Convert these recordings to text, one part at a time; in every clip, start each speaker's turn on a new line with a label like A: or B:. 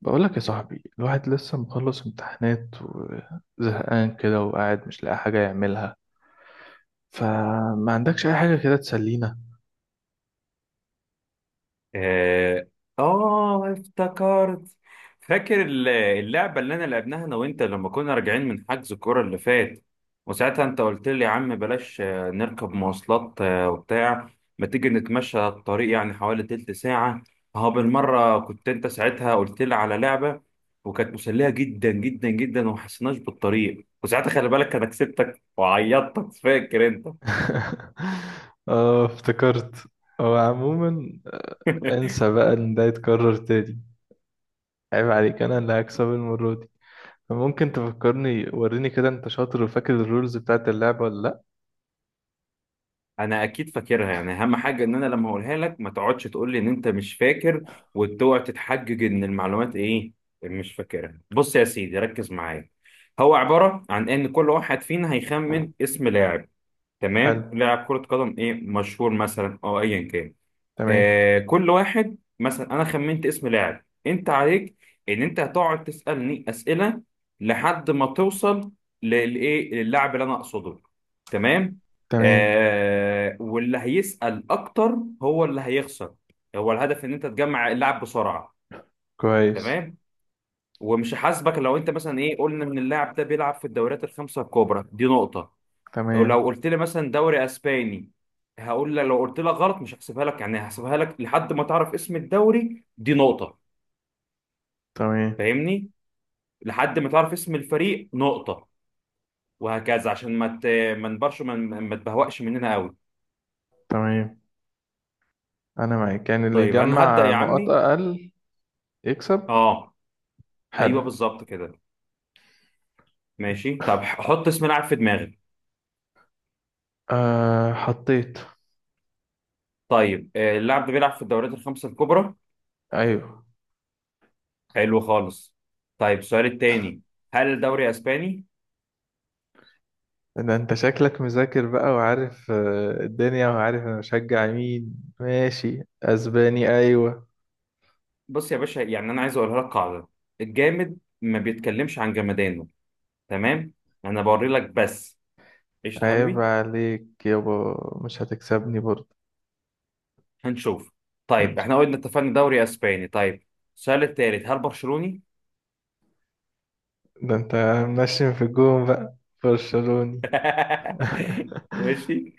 A: بقولك يا صاحبي، الواحد لسه مخلص امتحانات وزهقان كده وقاعد مش لاقي حاجة يعملها. فما عندكش أي حاجة كده تسلينا؟
B: آه. افتكرت. فاكر اللعبة اللي أنا لعبناها أنا وأنت لما كنا راجعين من حجز الكورة اللي فات، وساعتها أنت قلت لي يا عم بلاش نركب مواصلات وبتاع. ما تيجي نتمشى الطريق يعني حوالي تلت ساعة، أهو بالمرة. كنت أنت ساعتها قلت لي على لعبة وكانت مسلية جدا جدا جدا وما حسيناش بالطريق، وساعتها خلي بالك أنا كسبتك وعيطتك، فاكر أنت؟
A: اه، افتكرت. هو عموما انسى بقى ان ده يتكرر تاني. عيب عليك، انا اللي هكسب المرة دي. فممكن تفكرني، وريني كده انت شاطر وفاكر الرولز بتاعت اللعبة ولا لأ؟
B: انا اكيد فاكرها. يعني اهم حاجه ان انا لما اقولها لك ما تقعدش تقول لي ان انت مش فاكر وتقعد تتحجج ان المعلومات ايه، مش فاكرها. بص يا سيدي، ركز معايا. هو عباره عن ان كل واحد فينا هيخمن اسم لاعب، تمام؟
A: حلو.
B: لاعب كره قدم ايه، مشهور مثلا او ايا كان.
A: تمام.
B: آه، كل واحد مثلا انا خمنت اسم لاعب، انت عليك ان انت هتقعد تسالني اسئله لحد ما توصل للايه، للاعب اللي انا اقصده، تمام؟
A: تمام.
B: آه، واللي هيسال اكتر هو اللي هيخسر. هو الهدف ان انت تجمع اللاعب بسرعه،
A: كويس.
B: تمام. ومش هحاسبك لو انت مثلا ايه، قلنا ان اللاعب ده بيلعب في الدوريات الخمسه الكبرى، دي نقطه. ولو
A: تمام.
B: قلت لي مثلا دوري اسباني، هقول لك لو قلت لك غلط مش هحسبها لك، يعني هحسبها لك لحد ما تعرف اسم الدوري، دي نقطة.
A: تمام.
B: فاهمني؟ لحد ما تعرف اسم الفريق نقطة، وهكذا عشان ما ت... ما نبرش ما تبهوأش مننا قوي.
A: تمام. انا معاك، يعني اللي
B: طيب انا هبدأ
A: يجمع
B: يا
A: نقاط
B: عمي.
A: اقل يكسب.
B: اه، ايوه
A: حلو.
B: بالظبط كده. ماشي، طب حط اسم لاعب في دماغي.
A: أه، حطيت.
B: طيب، اللاعب ده بيلعب في الدوريات الخمسة الكبرى.
A: ايوه.
B: حلو خالص. طيب، السؤال التاني: هل الدوري اسباني؟
A: ده انت شكلك مذاكر بقى وعارف الدنيا، وعارف انا بشجع مين. ماشي، اسباني، ايوه.
B: بص يا باشا، يعني انا عايز اقولها لك قاعده: الجامد ما بيتكلمش عن جمدانه، تمام؟ انا بوري لك بس. قشطه
A: عيب
B: حبيبي.
A: عليك يابا، مش هتكسبني برضه.
B: هنشوف. طيب احنا قلنا اتفقنا دوري اسباني، طيب. السؤال الثالث: هل برشلوني؟
A: ده انت منشن في الجون بقى. برشلوني.
B: ماشي.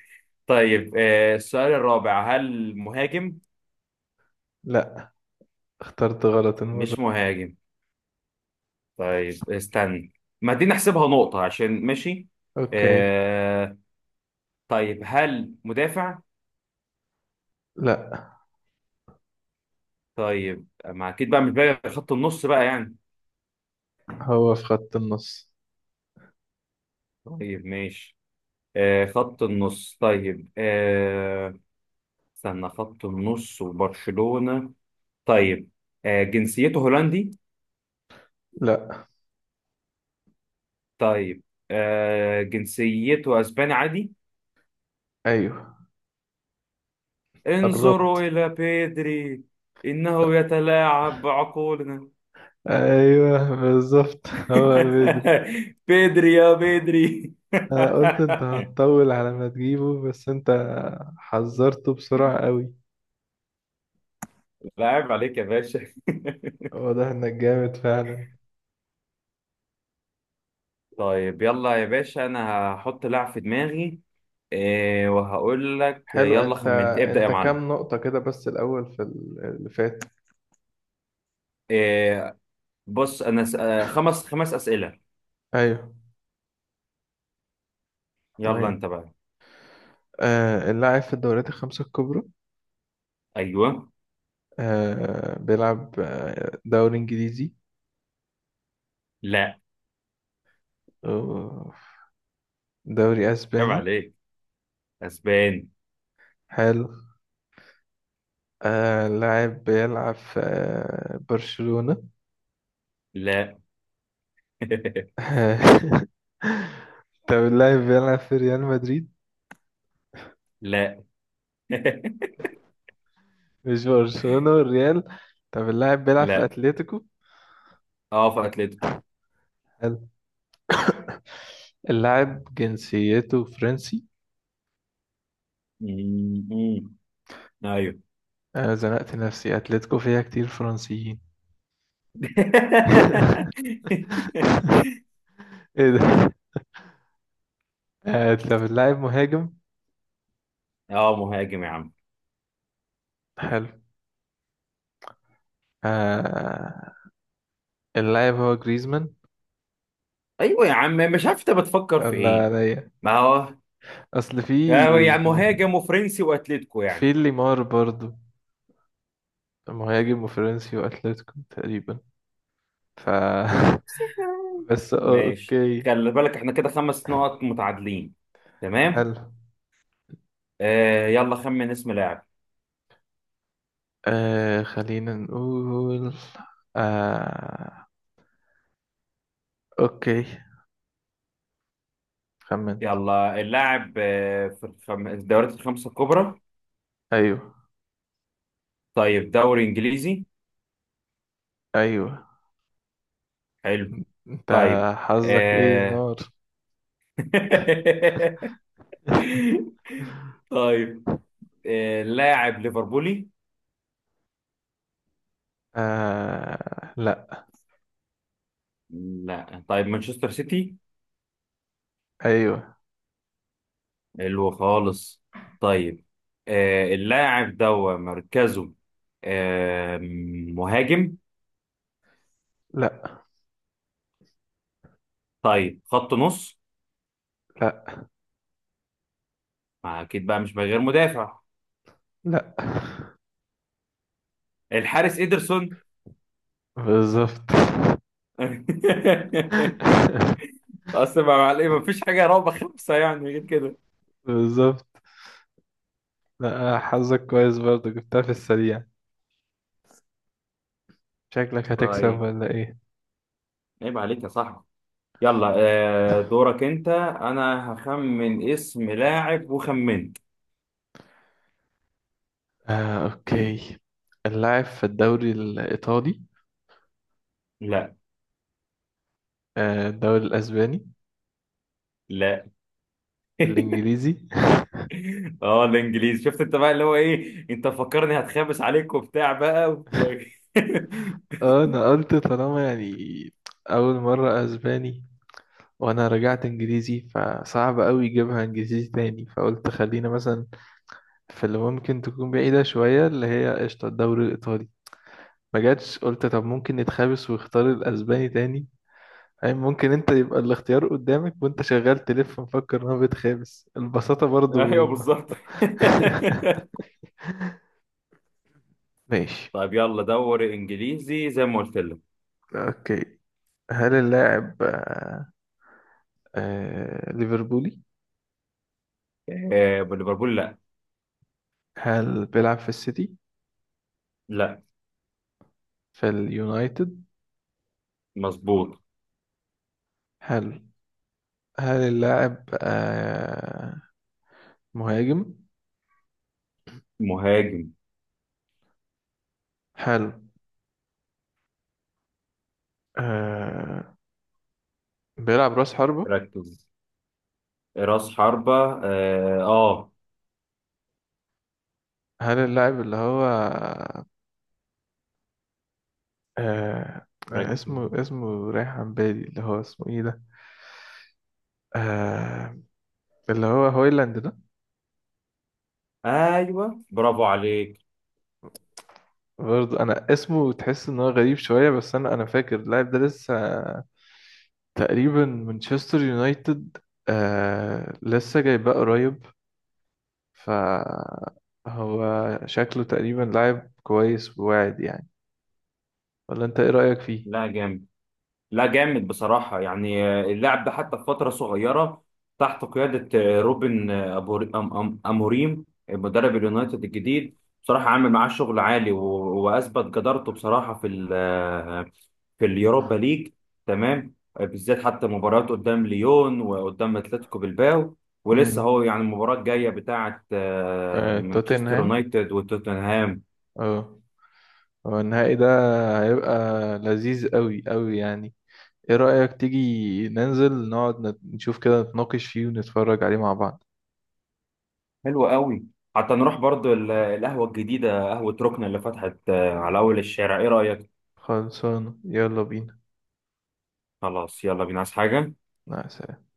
B: طيب، السؤال الرابع: هل مهاجم؟
A: لا، اخترت غلط المرة.
B: مش مهاجم؟ طيب استنى، ما دي نحسبها نقطه عشان ماشي.
A: اوكي.
B: آه، طيب، هل مدافع؟
A: لا.
B: طيب، ما اكيد بقى مش بقى خط النص بقى يعني.
A: هو في خط النص.
B: طيب ماشي، آه خط النص. طيب آه، استنى، خط النص وبرشلونة. طيب، آه جنسيته هولندي؟
A: لا.
B: طيب، آه جنسيته اسباني عادي.
A: ايوه،
B: انظروا
A: قربت.
B: إلى بيدري، إنه يتلاعب بعقولنا!
A: ايوه بالظبط هو.
B: بيدري يا بيدري!
A: أنا قلت انت هتطول على ما تجيبه، بس انت حذرته بسرعة قوي.
B: لاعب عليك يا باشا.
A: واضح انك جامد فعلا.
B: طيب يلا يا باشا، انا هحط لاعب في دماغي. آه وهقول لك
A: حلو.
B: يلا
A: انت
B: خمنت، ابدأ يا
A: انت
B: معلم.
A: كام نقطة كده بس الأول في اللي فات؟
B: إيه؟ بص انا س... آه، خمس خمس اسئله.
A: ايوه.
B: يلا
A: تمام.
B: انت بقى.
A: آه، اللاعب في الدوريات الخمسة الكبرى.
B: ايوه.
A: آه، بيلعب دوري انجليزي.
B: لا،
A: أوه، دوري
B: عيب
A: اسباني.
B: عليك، اسبان.
A: حلو. آه، اللاعب بيلعب في آه برشلونة.
B: لا.
A: طب اللاعب بيلعب في ريال مدريد؟
B: لا.
A: مش برشلونة والريال؟ طب اللاعب بيلعب في
B: لا.
A: اتلتيكو.
B: اه، في اتلتيكو.
A: حلو. اللاعب جنسيته فرنسي.
B: مم، مم. ايوه.
A: انا زنقت نفسي، اتلتيكو فيها كتير فرنسيين. ايه ده؟ طب اللاعب مهاجم.
B: اه مهاجم يا عم.
A: حلو. آه، اللاعب هو جريزمان.
B: ايوه يا عم، مش عارف انت بتفكر في
A: الله
B: ايه.
A: عليا.
B: ما هو
A: اصل في
B: يعني مهاجم وفرنسي واتلتيكو يعني.
A: في ليمار برضو. مهاجم وفرنسي واتلتيكو تقريبا. ف بس
B: ماشي،
A: اوكي.
B: خلي بالك احنا كده خمس نقط متعادلين، تمام.
A: حلو.
B: آه يلا خمن اسم لاعب.
A: آه، خلينا نقول. آه، اوكي. خمنت.
B: يلا، اللاعب في الدوريات الخمسة الكبرى.
A: ايوه.
B: طيب، دوري إنجليزي.
A: ايوه.
B: حلو.
A: انت
B: طيب
A: حظك ايه،
B: آه...
A: نار.
B: طيب لاعب ليفربولي؟
A: آه، لا.
B: لا، طيب مانشستر سيتي.
A: ايوه.
B: حلو خالص. طيب، آه... اللاعب ده مركزه آه... مهاجم؟
A: لا.
B: طيب، خط نص؟
A: لا.
B: ما أكيد بقى مش غير مدافع.
A: لا.
B: الحارس إيدرسون.
A: بالظبط.
B: اصل ما مع، ما فيش حاجه رابعه خمسه يعني غير كده.
A: بالظبط. لا، حظك كويس برضه، جبتها في السريع. شكلك هتكسب
B: طيب
A: ولا ايه؟
B: عيب عليك يا صاحبي. يلا، دورك انت. انا هخمن اسم لاعب وخمنت.
A: آه، اوكي. اللاعب في الدوري الايطالي؟
B: لا.
A: آه الدوري الاسباني؟
B: لا.
A: الانجليزي.
B: اه الانجليزي، شفت انت بقى اللي هو ايه، انت فكرني هتخابس عليك وبتاع بقى
A: اه، انا قلت طالما يعني اول مرة اسباني، وانا رجعت انجليزي، فصعب قوي يجيبها انجليزي تاني، فقلت خلينا مثلا في اللي ممكن تكون بعيدة شوية، اللي هي قشطة الدوري الايطالي. ما جاتش، قلت طب ممكن نتخابس واختار الاسباني تاني. يعني ممكن انت يبقى الاختيار قدامك وانت شغال تلف مفكر ان هو بيتخابس البساطة
B: ايوه
A: برضو.
B: بالظبط.
A: ماشي.
B: طيب يلا دوري انجليزي زي ما قلت لك.
A: اوكي. هل اللاعب ليفربولي؟
B: ليفربول؟ لا.
A: هل بيلعب في السيتي؟
B: لا.
A: في اليونايتد؟
B: مظبوط.
A: حلو. هل اللاعب مهاجم؟
B: مهاجم.
A: حلو. آه، بيلعب راس حربة.
B: ركز، راس حربة. اه. آه.
A: هل اللاعب اللي هو آه
B: ركب.
A: اسمه رايح عن بالي، اللي هو اسمه ايه ده؟ آه، اللي هو هويلاند ده.
B: ايوه برافو عليك.
A: برضه انا اسمه تحس ان هو غريب شوية، بس انا فاكر اللاعب ده لسه تقريبا مانشستر يونايتد. آه، لسه جايباه قريب. فهو شكله تقريبا لاعب كويس وواعد يعني. ولا انت ايه رأيك فيه؟
B: لا جامد. لا جامد بصراحه يعني. اللاعب ده حتى في فتره صغيره تحت قياده روبن اموريم مدرب اليونايتد الجديد، بصراحه عامل معاه شغل عالي واثبت جدارته بصراحه في ال آه، في اليوروبا ليج، تمام. بالذات حتى مباريات قدام ليون وقدام اتلتيكو بالباو. ولسه
A: امم
B: هو يعني المباراه الجايه بتاعه
A: آه،
B: مانشستر
A: توتنهام.
B: يونايتد وتوتنهام.
A: اه. هو النهائي ده هيبقى لذيذ قوي قوي يعني. ايه رأيك تيجي ننزل نقعد نشوف كده، نتناقش فيه ونتفرج عليه مع بعض؟
B: حلو قوي. حتى نروح برضو القهوة الجديدة، قهوة ركن اللي فتحت على أول الشارع، إيه رأيك؟
A: خلصان، يلا بينا.
B: خلاص يلا بينا، عايز حاجة؟
A: مع السلامة.